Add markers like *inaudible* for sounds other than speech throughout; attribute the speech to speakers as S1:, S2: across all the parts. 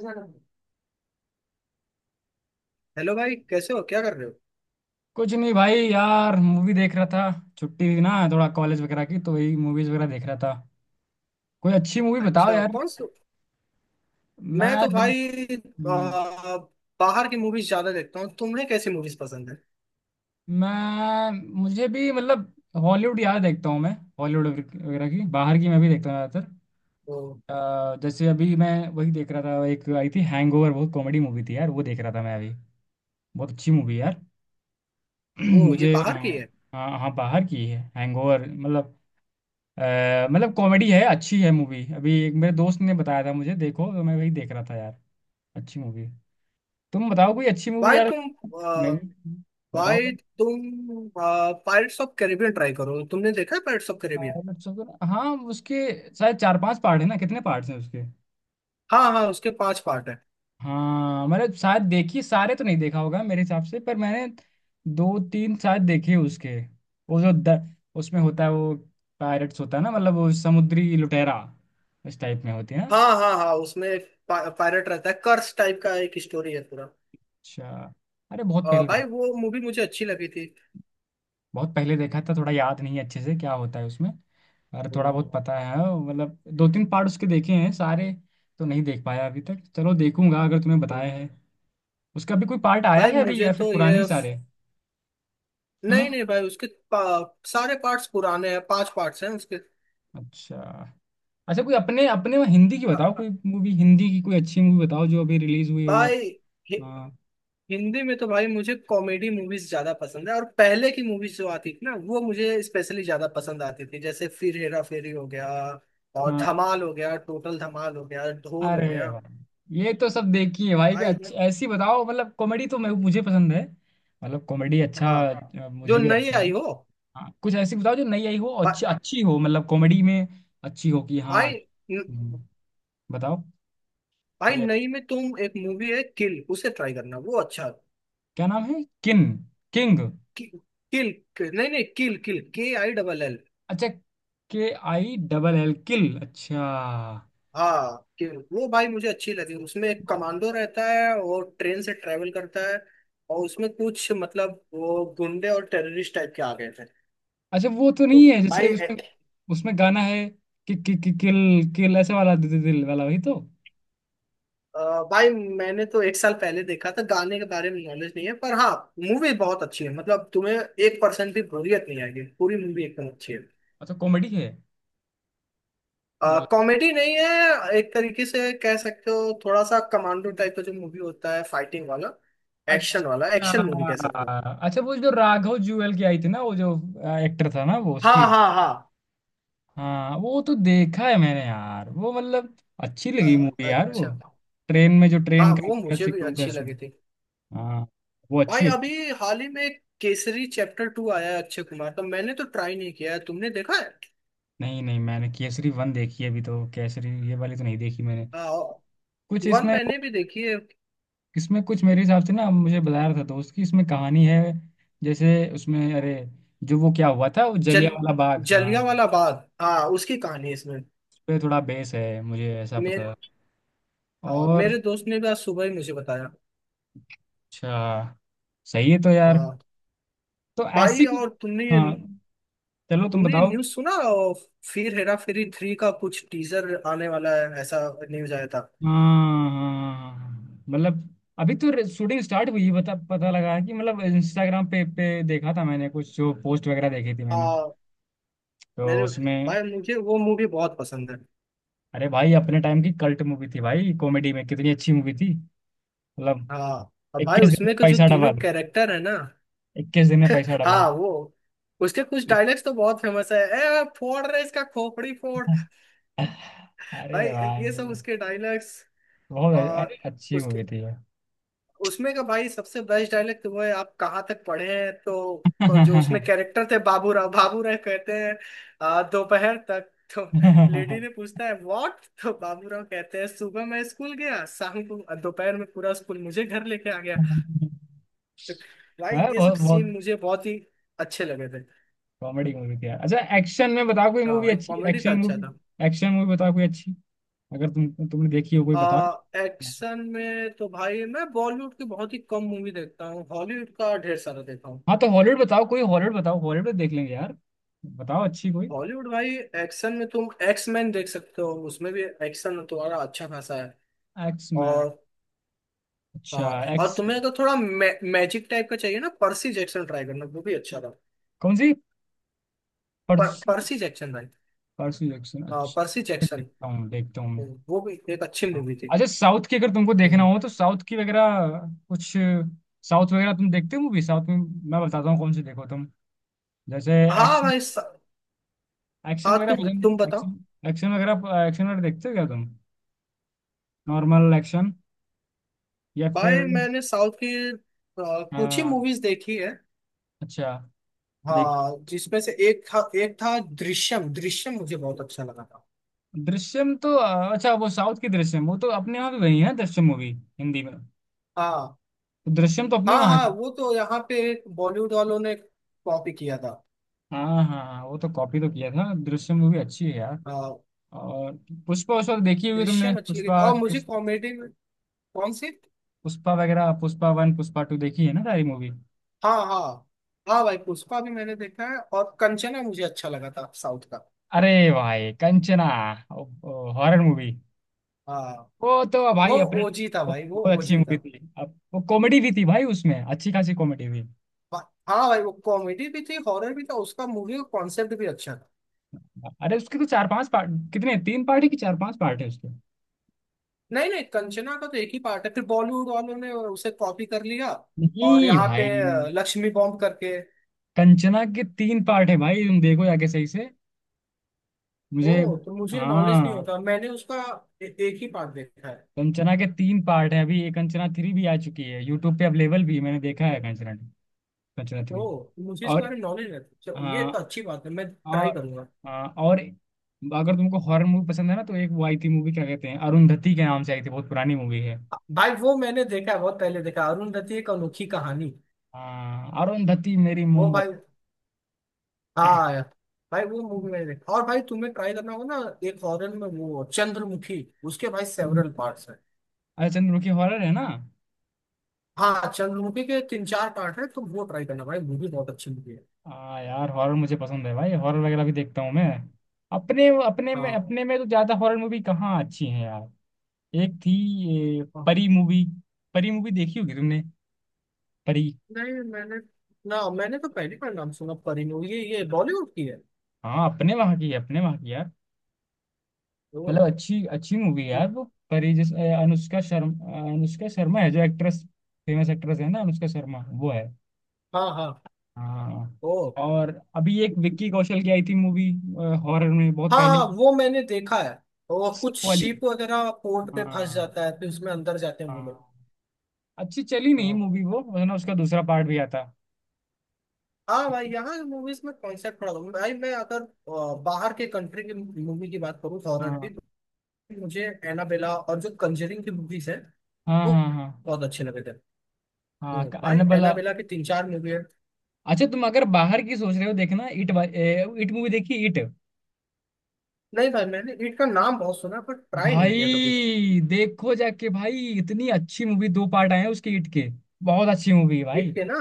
S1: Hello भाई, कैसे हो? क्या कर रहे हो?
S2: कुछ नहीं भाई, यार मूवी देख रहा था। छुट्टी थी ना थोड़ा कॉलेज वगैरह की, तो वही मूवीज वगैरह देख रहा था। कोई अच्छी मूवी बताओ
S1: अच्छा,
S2: यार।
S1: कौन सा? मैं
S2: मैं
S1: तो
S2: देख
S1: भाई
S2: हम्म,
S1: आ, बाहर की मूवीज ज्यादा देखता हूँ। तुम्हें कैसी मूवीज पसंद है?
S2: मैं मुझे भी मतलब हॉलीवुड यार देखता हूँ मैं। हॉलीवुड वगैरह की, बाहर की मैं भी देखता हूँ ज़्यादातर।
S1: ओ,
S2: जैसे अभी मैं वही देख रहा था, एक आई थी हैंगओवर, बहुत कॉमेडी मूवी थी यार, वो देख रहा था मैं अभी। बहुत अच्छी मूवी यार। *clears throat*
S1: ओ, ये
S2: मुझे,
S1: बाहर की
S2: हाँ।
S1: है।
S2: हाँ हाँ, बाहर की है हैंगओवर मतलब। मतलब कॉमेडी है, अच्छी है मूवी, अभी एक मेरे दोस्त ने बताया था मुझे, देखो तो मैं वही देख रहा था यार। अच्छी मूवी है। तुम बताओ कोई अच्छी मूवी
S1: भाई
S2: यार।
S1: तुम आ,
S2: मैं भी। बताओ
S1: भाई
S2: भाई।
S1: तुम पायरेट्स ऑफ कैरिबियन ट्राई करो। तुमने देखा है पायरेट्स ऑफ
S2: अ,
S1: कैरिबियन?
S2: अच्छा, हाँ उसके शायद चार पांच पार्ट है ना, कितने पार्ट्स हैं उसके?
S1: हाँ हाँ, उसके 5 पार्ट है।
S2: हाँ, मैंने शायद देखी, सारे तो नहीं देखा होगा मेरे हिसाब से, पर मैंने दो तीन शायद देखे उसके। वो जो उसमें होता है वो पायरेट्स होता है ना, मतलब वो समुद्री लुटेरा। इस टाइप में होती है ना।
S1: हाँ हाँ हाँ, उसमें एक पायरेट रहता है कर्स टाइप का, एक स्टोरी है पूरा।
S2: अच्छा। अरे, बहुत
S1: भाई
S2: पहले।
S1: वो मूवी मुझे अच्छी लगी थी।
S2: बहुत पहले देखा था, थोड़ा याद नहीं है अच्छे से क्या होता है उसमें, और थोड़ा
S1: ओ,
S2: बहुत पता है हाँ, मतलब दो तीन पार्ट उसके देखे हैं, सारे तो नहीं देख पाया अभी तक। चलो, देखूंगा अगर तुम्हें
S1: तो,
S2: बताया है। उसका भी कोई पार्ट आया
S1: भाई
S2: है अभी,
S1: मुझे
S2: या फिर
S1: तो ये
S2: पुराने ही सारे?
S1: नहीं
S2: हम्म।
S1: नहीं भाई, उसके सारे पार्ट्स पुराने हैं, 5 पार्ट्स हैं उसके।
S2: अच्छा। अच्छा कोई, अपने अपने में हिंदी की बताओ कोई मूवी, हिंदी की कोई अच्छी मूवी बताओ जो अभी रिलीज हुई हो या।
S1: भाई हि-
S2: हाँ।
S1: हिंदी में तो भाई मुझे कॉमेडी मूवीज ज्यादा पसंद है, और पहले की मूवीज जो आती थी ना, वो मुझे स्पेशली ज्यादा पसंद आती थी। जैसे फिर हेरा फेरी हो गया, और
S2: हाँ।
S1: धमाल हो गया, टोटल धमाल हो गया, ढोल हो
S2: अरे
S1: गया।
S2: वाह। ये तो सब देखी है भाई, कोई
S1: भाई,
S2: अच्छी ऐसी बताओ, मतलब कॉमेडी तो मैं मुझे पसंद है। मतलब कॉमेडी, अच्छा,
S1: हाँ, जो
S2: मुझे भी
S1: नई
S2: लगता है।
S1: आई हो।
S2: हाँ, कुछ ऐसी बताओ जो नई आई हो और
S1: भा,
S2: अच्छी अच्छी हो, मतलब कॉमेडी में। अच्छी हो कि, हाँ,
S1: भाई न-
S2: बताओ
S1: भाई,
S2: कोई।
S1: नई में तुम, एक मूवी है किल, उसे ट्राई करना, वो अच्छा।
S2: क्या नाम है? किन किंग?
S1: कि, किल। नहीं नहीं, किल, किल, KILL।
S2: अच्छा। KILL, किल, अच्छा।
S1: हाँ, कि वो भाई मुझे अच्छी लगी। उसमें एक
S2: वो-
S1: कमांडो रहता है, और ट्रेन से ट्रेवल करता है, और उसमें कुछ मतलब वो गुंडे और टेररिस्ट टाइप के आ गए थे।
S2: अच्छा वो तो
S1: तो
S2: नहीं है, जैसे
S1: भाई ए-
S2: उसमें। उसमें गाना है कि किल किल ऐसे वाला दि, दि, दिल वाला, वही तो।
S1: अ, भाई मैंने तो एक साल पहले देखा था, गाने के बारे में नॉलेज नहीं है, पर हाँ, मूवी बहुत अच्छी है। मतलब तुम्हें 1% भी बोरियत नहीं आएगी, पूरी मूवी एकदम अच्छी है।
S2: अच्छा कॉमेडी है, मतलब,
S1: कॉमेडी नहीं है, एक तरीके से कह सकते हो, थोड़ा सा कमांडो टाइप का जो मूवी होता है, फाइटिंग वाला,
S2: अच्छा।
S1: एक्शन वाला, एक्शन मूवी कह सकते हो।
S2: अच्छा वो जो राघव जुएल की आई थी ना, वो जो एक्टर था ना वो, उसकी।
S1: हाँ हाँ हाँ।
S2: हाँ, वो तो देखा है मैंने यार वो, मतलब अच्छी लगी मूवी यार वो।
S1: अच्छा।
S2: ट्रेन में जो
S1: हाँ,
S2: ट्रेन
S1: वो
S2: का
S1: मुझे भी
S2: सीक्वेंस है
S1: अच्छी
S2: उसमें।
S1: लगी थी।
S2: हाँ, वो
S1: भाई
S2: अच्छी है।
S1: अभी हाल ही में केसरी चैप्टर 2 आया है अक्षय कुमार का, मैंने तो ट्राई नहीं किया है, तुमने देखा है?
S2: नहीं नहीं, मैंने केसरी वन देखी है अभी तो, केसरी ये वाली तो नहीं देखी मैंने। कुछ
S1: वन
S2: इसमें,
S1: मैंने भी देखी है।
S2: इसमें कुछ मेरे हिसाब से ना, मुझे बता रहा था दोस्त कि इसमें कहानी है जैसे उसमें, अरे जो वो क्या हुआ था वो
S1: जल
S2: जलियांवाला बाग, हाँ।
S1: जलिया वाला बाग, हाँ, उसकी कहानी है इसमें।
S2: उस पे थोड़ा बेस है, मुझे ऐसा पता
S1: मेरे
S2: है।
S1: हाँ,
S2: और,
S1: मेरे दोस्त ने भी आज सुबह ही मुझे बताया।
S2: अच्छा। सही है तो यार।
S1: हाँ
S2: तो
S1: भाई,
S2: ऐसी,
S1: और तुमने ये
S2: हाँ। चलो तुम
S1: तुमने ये
S2: बताओ।
S1: न्यूज़ सुना, और फिर हेरा फेरी 3 का कुछ टीजर आने वाला है ऐसा न्यूज़ आया था?
S2: हाँ हाँ, मतलब अभी तो शूटिंग स्टार्ट हुई है, बता पता लगा है कि, मतलब इंस्टाग्राम पे पे देखा था मैंने, कुछ जो पोस्ट वगैरह देखी थी मैंने,
S1: हाँ
S2: तो
S1: मैंने
S2: उसमें।
S1: भाई मुझे वो मूवी बहुत पसंद है।
S2: अरे भाई, अपने टाइम की कल्ट मूवी थी भाई, कॉमेडी में कितनी अच्छी मूवी थी मतलब।
S1: हाँ, और भाई
S2: 21 दिन में
S1: उसमें के जो
S2: पैसा
S1: तीनों
S2: डबल।
S1: कैरेक्टर है ना,
S2: 21 दिन में पैसा डबल।
S1: हाँ वो, उसके कुछ डायलॉग्स तो बहुत फेमस है। ए फोड़ रहे इसका खोपड़ी फोड़।
S2: *laughs* अरे
S1: भाई ये सब
S2: भाई,
S1: उसके डायलॉग्स,
S2: बहुत,
S1: और
S2: अरे अच्छी
S1: उसके
S2: मूवी थी यार।
S1: उसमें का भाई सबसे बेस्ट डायलॉग तो वो है, आप कहाँ तक पढ़े हैं, तो जो उसमें
S2: *laughs*
S1: कैरेक्टर थे बाबूराव, बाबूराव कहते हैं, दोपहर तक तो, लेडी ने पूछता है व्हाट, तो बाबूराव कहते हैं सुबह मैं स्कूल गया, शाम को दोपहर में पूरा स्कूल मुझे घर लेके आ गया। भाई
S2: हाँ,
S1: ये सब
S2: बहुत
S1: सीन
S2: बहुत
S1: मुझे बहुत ही अच्छे लगे थे।
S2: कॉमेडी मूवी थी यार। अच्छा, एक्शन में बताओ कोई मूवी,
S1: हाँ एक
S2: अच्छी
S1: कॉमेडी था,
S2: एक्शन
S1: अच्छा
S2: मूवी।
S1: था।
S2: एक्शन मूवी बताओ कोई अच्छी, अगर तुमने देखी हो कोई बताओ।
S1: एक्शन में तो भाई मैं बॉलीवुड की बहुत ही कम मूवी देखता हूँ, हॉलीवुड का ढेर सारा देखता हूँ।
S2: हाँ तो हॉलीवुड बताओ कोई, हॉलीवुड बताओ, हॉलीवुड तो देख लेंगे यार। बताओ अच्छी कोई।
S1: हॉलीवुड भाई, एक्शन में तुम एक्स मैन देख सकते हो, उसमें भी एक्शन तुम्हारा अच्छा खासा है।
S2: एक्स मैन,
S1: और
S2: अच्छा।
S1: हाँ, और
S2: एक्स,
S1: तुम्हें अगर थोड़ा मैजिक टाइप का चाहिए ना, पर्सी जैक्सन ट्राई करना, वो भी अच्छा था।
S2: कौन सी? परसू?
S1: पर्सी जैक्सन भाई।
S2: परसू जैक्सन,
S1: हाँ, पर्सी
S2: अच्छा,
S1: जैक्सन,
S2: देखता हूँ मैं।
S1: वो भी एक अच्छी मूवी थी।
S2: अच्छा, साउथ की अगर तुमको देखना
S1: हम्म।
S2: हो तो साउथ की वगैरह कुछ। साउथ वगैरह तुम देखते हो मूवी, साउथ में? मैं बताता हूँ कौन सी देखो तुम। जैसे
S1: हाँ
S2: एक्शन,
S1: भाई स-
S2: एक्शन
S1: हाँ,
S2: वगैरह
S1: तुम
S2: पसंद?
S1: बताओ।
S2: एक्शन, एक्शन वगैरह, एक्शन वगैरह देखते हो क्या तुम? नॉर्मल एक्शन, या
S1: भाई
S2: फिर?
S1: मैंने साउथ की कुछ ही
S2: हाँ,
S1: मूवीज देखी है।
S2: अच्छा। देख,
S1: हाँ, जिसमें से एक था, एक था दृश्यम, दृश्यम मुझे बहुत अच्छा लगा था।
S2: दृश्यम तो, अच्छा वो साउथ की दृश्यम, वो तो अपने वहाँ भी वही है दृश्यम मूवी हिंदी में,
S1: हाँ
S2: तो दृश्यम तो अपने
S1: हाँ
S2: वहाँ
S1: हाँ,
S2: की।
S1: वो तो यहाँ पे बॉलीवुड वालों ने कॉपी किया था।
S2: हाँ हाँ हाँ, वो तो कॉपी तो किया था, दृश्यम मूवी अच्छी है यार।
S1: हाँ,
S2: और पुष्पा उस वक्त देखी होगी तुमने,
S1: दृश्यम अच्छी लगी।
S2: पुष्पा,
S1: और मुझे कॉमेडी में, कौन सी?
S2: पुष्पा वगैरह, पुष्पा वन, पुष्पा टू देखी है ना सारी मूवी।
S1: हाँ हाँ हाँ भाई, पुष्पा भी मैंने देखा है, और कंचना मुझे अच्छा लगा था साउथ का।
S2: अरे भाई, कंचना, हॉरर मूवी,
S1: हाँ,
S2: वो तो भाई
S1: वो
S2: अपने,
S1: ओजी था भाई, वो
S2: बहुत अच्छी
S1: ओजी
S2: मूवी
S1: था।
S2: थी। अब वो कॉमेडी भी थी भाई, उसमें अच्छी खासी कॉमेडी भी।
S1: हाँ भाई, वो कॉमेडी भी थी, हॉरर भी था, उसका मूवी का कॉन्सेप्ट भी अच्छा था।
S2: अरे उसके तो चार पांच पार्ट, कितने, तीन पार्ट है कि चार पांच पार्ट है उसके?
S1: नहीं नहीं, कंचना का तो एक ही पार्ट है, फिर बॉलीवुड वालों ने उसे कॉपी कर लिया, और
S2: नहीं
S1: यहाँ पे
S2: भाई,
S1: लक्ष्मी बॉम्ब करके।
S2: कंचना के तीन पार्ट है भाई, तुम देखो जाके सही से।
S1: ओ,
S2: मुझे,
S1: तो मुझे नॉलेज नहीं
S2: हाँ।
S1: होता। मैंने उसका एक ही पार्ट देखा है।
S2: कंचना के तीन पार्ट है, अभी ये कंचना थ्री भी आ चुकी है, यूट्यूब पे अवेलेबल भी है, मैंने देखा है कंचना, कंचना
S1: ओ,
S2: थ्री।
S1: तो मुझे इसके
S2: और,
S1: बारे में नॉलेज नहीं था। चलो, ये तो
S2: हाँ,
S1: अच्छी बात है, मैं ट्राई
S2: और,
S1: करूंगा।
S2: हाँ, और अगर तुमको हॉरर मूवी पसंद है ना, तो एक वो आई थी मूवी, क्या कहते हैं, अरुंधति के नाम से आई थी, बहुत पुरानी मूवी है।
S1: भाई वो मैंने देखा है, बहुत पहले देखा है, अरुण दत्त की एक अनोखी कहानी।
S2: हाँ, अरुंधति मेरी
S1: वो भाई
S2: मोमबत्ती। *laughs*
S1: हाँ भाई, वो मूवी मैंने देखा। और भाई तुम्हें ट्राई करना होगा ना एक, हॉरर में वो चंद्रमुखी, उसके भाई सेवरल पार्ट्स हैं।
S2: अरे चंद्र की, हॉरर है ना।
S1: हाँ, चंद्रमुखी के 3-4 पार्ट है, तुम वो ट्राई करना भाई, मूवी बहुत अच्छी मूवी है।
S2: हाँ यार, हॉरर मुझे पसंद है भाई, हॉरर वगैरह भी देखता हूँ मैं। अपने, अपने में,
S1: हाँ।
S2: अपने में तो ज्यादा हॉरर मूवी कहाँ अच्छी है यार। एक थी, ये
S1: हाँ।
S2: परी मूवी, परी मूवी देखी होगी तुमने, परी?
S1: नहीं, मैंने, ना, मैंने तो पहली बार नाम सुना परिणय, ये बॉलीवुड की है?
S2: हाँ, अपने वहाँ की है, अपने वहाँ की है,
S1: ओ।
S2: मतलब अच्छी अच्छी मूवी है यार वो। परी, जिस, अनुष्का शर्मा है जो एक्ट्रेस, फेमस एक्ट्रेस है ना अनुष्का शर्मा, वो है।
S1: हाँ हाँ।
S2: हाँ।
S1: ओ।
S2: और अभी एक विक्की कौशल की आई थी मूवी, हॉरर में, बहुत
S1: हाँ
S2: पहले।
S1: हाँ, वो मैंने देखा है। वो
S2: Sick
S1: कुछ
S2: वाली।
S1: शिप वगैरह पोर्ट पे फंस
S2: हाँ।
S1: जाता है, फिर उसमें अंदर जाते हैं वो लोग।
S2: हाँ, अच्छी चली नहीं
S1: हाँ।
S2: मूवी वो, वरना उसका दूसरा पार्ट भी आता।
S1: हाँ भाई, यहाँ मूवीज में कॉन्सेप्ट बड़ा होता है। भाई मैं अगर बाहर के कंट्री की मूवी की बात करूँ हॉरर की,
S2: हाँ
S1: तो मुझे एनाबेला और जो कंजरिंग की मूवीज है,
S2: हाँ
S1: वो
S2: हाँ
S1: बहुत अच्छे लगे थे।
S2: हाँ।
S1: नहीं
S2: हाँ,
S1: भाई,
S2: एनाबेला।
S1: एनाबेला की 3-4 मूवी है।
S2: अच्छा, तुम अगर बाहर की सोच रहे हो देखना, इट, इट मूवी देखी, इट?
S1: नहीं भाई, मैंने ईट का नाम बहुत सुना है, पर ट्राई नहीं किया कभी।
S2: भाई देखो जाके, भाई इतनी अच्छी मूवी, दो पार्ट आए हैं उसके हिट के, बहुत अच्छी मूवी है
S1: ईट
S2: भाई।
S1: के ना,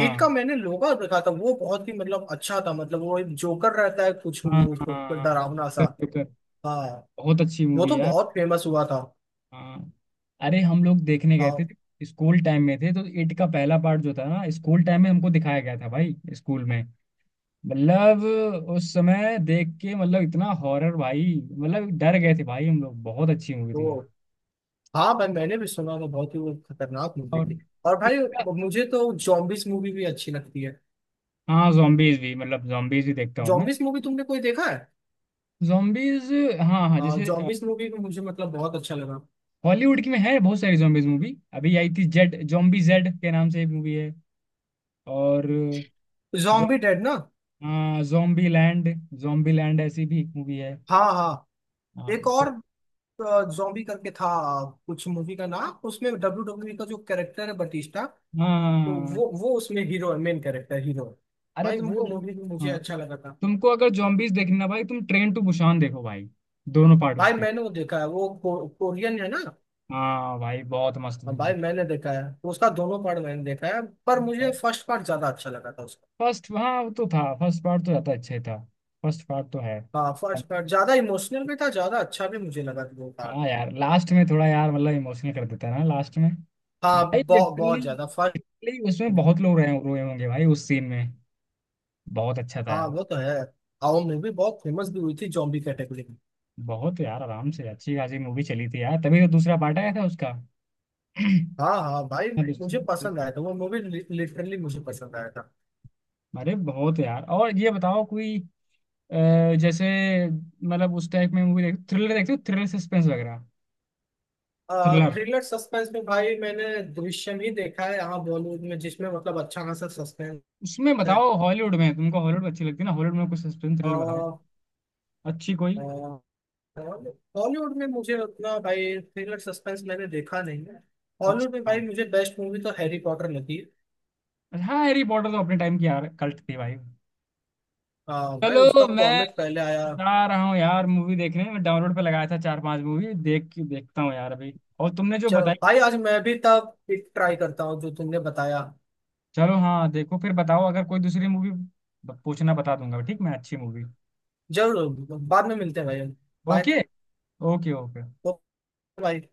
S1: ईट का मैंने लोगा देखा था, वो बहुत ही मतलब अच्छा था। मतलब वो एक जोकर रहता है कुछ,
S2: हाँ हाँ हाँ
S1: वो
S2: हाँ।
S1: डरावना सा।
S2: कर, कर, कर।
S1: हाँ,
S2: बहुत अच्छी
S1: वो
S2: मूवी
S1: तो
S2: यार।
S1: बहुत फेमस हुआ था।
S2: हाँ, अरे हम लोग देखने गए
S1: हाँ
S2: थे, स्कूल टाइम में थे तो, इट का पहला पार्ट जो था ना, स्कूल टाइम में हमको दिखाया गया था भाई स्कूल में, मतलब उस समय देख के, मतलब इतना हॉरर भाई, मतलब डर गए थे भाई हम लोग, बहुत अच्छी मूवी
S1: तो,
S2: थी यार।
S1: हाँ भाई, मैंने भी सुना था, बहुत ही वो खतरनाक मूवी
S2: और।
S1: थी। और
S2: It
S1: भाई
S2: का-
S1: मुझे तो जॉम्बिस मूवी भी अच्छी लगती है।
S2: हाँ, जॉम्बीज भी, मतलब जॉम्बीज भी देखता हूँ मैं।
S1: जॉम्बिस मूवी तुमने कोई देखा है?
S2: Zombies, हाँ हाँ,
S1: हाँ,
S2: जैसे
S1: जॉम्बिस मूवी भी मुझे मतलब बहुत अच्छा लगा।
S2: हॉलीवुड की में है बहुत सारी zombies मूवी। अभी आई थी जेड, zombie जेड के नाम से एक मूवी है। और जो,
S1: जॉम्बी डेड ना?
S2: हाँ, zombie लैंड, zombie लैंड ऐसी भी एक मूवी है।
S1: हाँ हाँ,
S2: हाँ
S1: एक और जॉम्बी करके था कुछ मूवी का नाम, उसमें WWE का जो कैरेक्टर है बटिस्टा, तो वो
S2: हाँ।
S1: वो उसमें हीरो है, मेन कैरेक्टर हीरो है,
S2: अरे
S1: भाई वो
S2: तुमको
S1: मूवी भी मुझे
S2: हाँ,
S1: अच्छा लगा था।
S2: तुमको अगर zombies देखना, भाई तुम ट्रेन टू बुसान देखो भाई, दोनों पार्ट
S1: भाई
S2: उसके।
S1: मैंने वो देखा है, वो कोरियन है ना?
S2: हाँ भाई, बहुत मस्त
S1: हाँ, भाई
S2: मूवी।
S1: मैंने देखा है, तो उसका दोनों पार्ट मैंने देखा है, पर मुझे फर्स्ट पार्ट ज्यादा अच्छा लगा था उसका।
S2: फर्स्ट, हाँ, वो तो था, फर्स्ट पार्ट तो ज्यादा अच्छा ही था। फर्स्ट पार्ट तो है।
S1: हाँ, फर्स्ट पार्ट ज्यादा इमोशनल भी था, ज्यादा अच्छा भी मुझे लगा था वो पार्ट।
S2: हाँ यार, लास्ट में थोड़ा यार, मतलब इमोशनल कर देता है ना लास्ट में।
S1: हाँ,
S2: भाई
S1: बहुत
S2: लिटरली,
S1: बहुत ज्यादा फर्स्ट
S2: लिटरली उसमें
S1: में।
S2: बहुत लोग रहे रोए होंगे भाई, उस सीन में। बहुत अच्छा था
S1: हाँ,
S2: यार।
S1: वो तो है। और मूवी बहुत फेमस भी हुई थी जॉम्बी कैटेगरी में।
S2: बहुत यार, आराम से अच्छी खासी मूवी चली थी यार, तभी तो दूसरा पार्ट आया था उसका। *clears throat*
S1: हाँ हाँ भाई, मुझे
S2: दूसरा-
S1: पसंद आया था वो मूवी, लिटरली मुझे पसंद आया था।
S2: अरे बहुत यार। और ये बताओ कोई, जैसे मतलब उस टाइप में मूवी, देख थ्रिलर देखते हो, थ्रिलर सस्पेंस वगैरह, थ्रिलर?
S1: थ्रिलर सस्पेंस में भाई, मैंने दृश्यम ही देखा है यहाँ बॉलीवुड में, जिसमें मतलब अच्छा खासा सस्पेंस
S2: उसमें
S1: है।
S2: बताओ, हॉलीवुड में, तुमको हॉलीवुड अच्छी लगती है ना, हॉलीवुड में कुछ सस्पेंस थ्रिलर बताओ, अच्छी कोई।
S1: बॉलीवुड में मुझे उतना भाई थ्रिलर सस्पेंस मैंने देखा नहीं है। हॉलीवुड में
S2: अच्छा,
S1: भाई मुझे बेस्ट मूवी तो हैरी पॉटर लगी है।
S2: हाँ, हैरी पॉटर तो अपने टाइम की यार कल्ट थी भाई।
S1: भाई उसका
S2: चलो, मैं
S1: कॉमिक पहले आया।
S2: जा रहा हूँ यार मूवी देखने, मैं डाउनलोड पे लगाया था चार पांच मूवी, देख के देखता हूँ यार अभी, और तुमने जो
S1: चलो
S2: बताई।
S1: भाई, आज मैं भी तब ट्राई करता हूँ जो तुमने बताया।
S2: चलो, हाँ, देखो फिर बताओ, अगर कोई दूसरी मूवी पूछना बता दूंगा, ठीक, मैं अच्छी मूवी।
S1: जरूर, बाद में मिलते हैं भाई। Bye.
S2: Okay, okay, okay.
S1: Bye.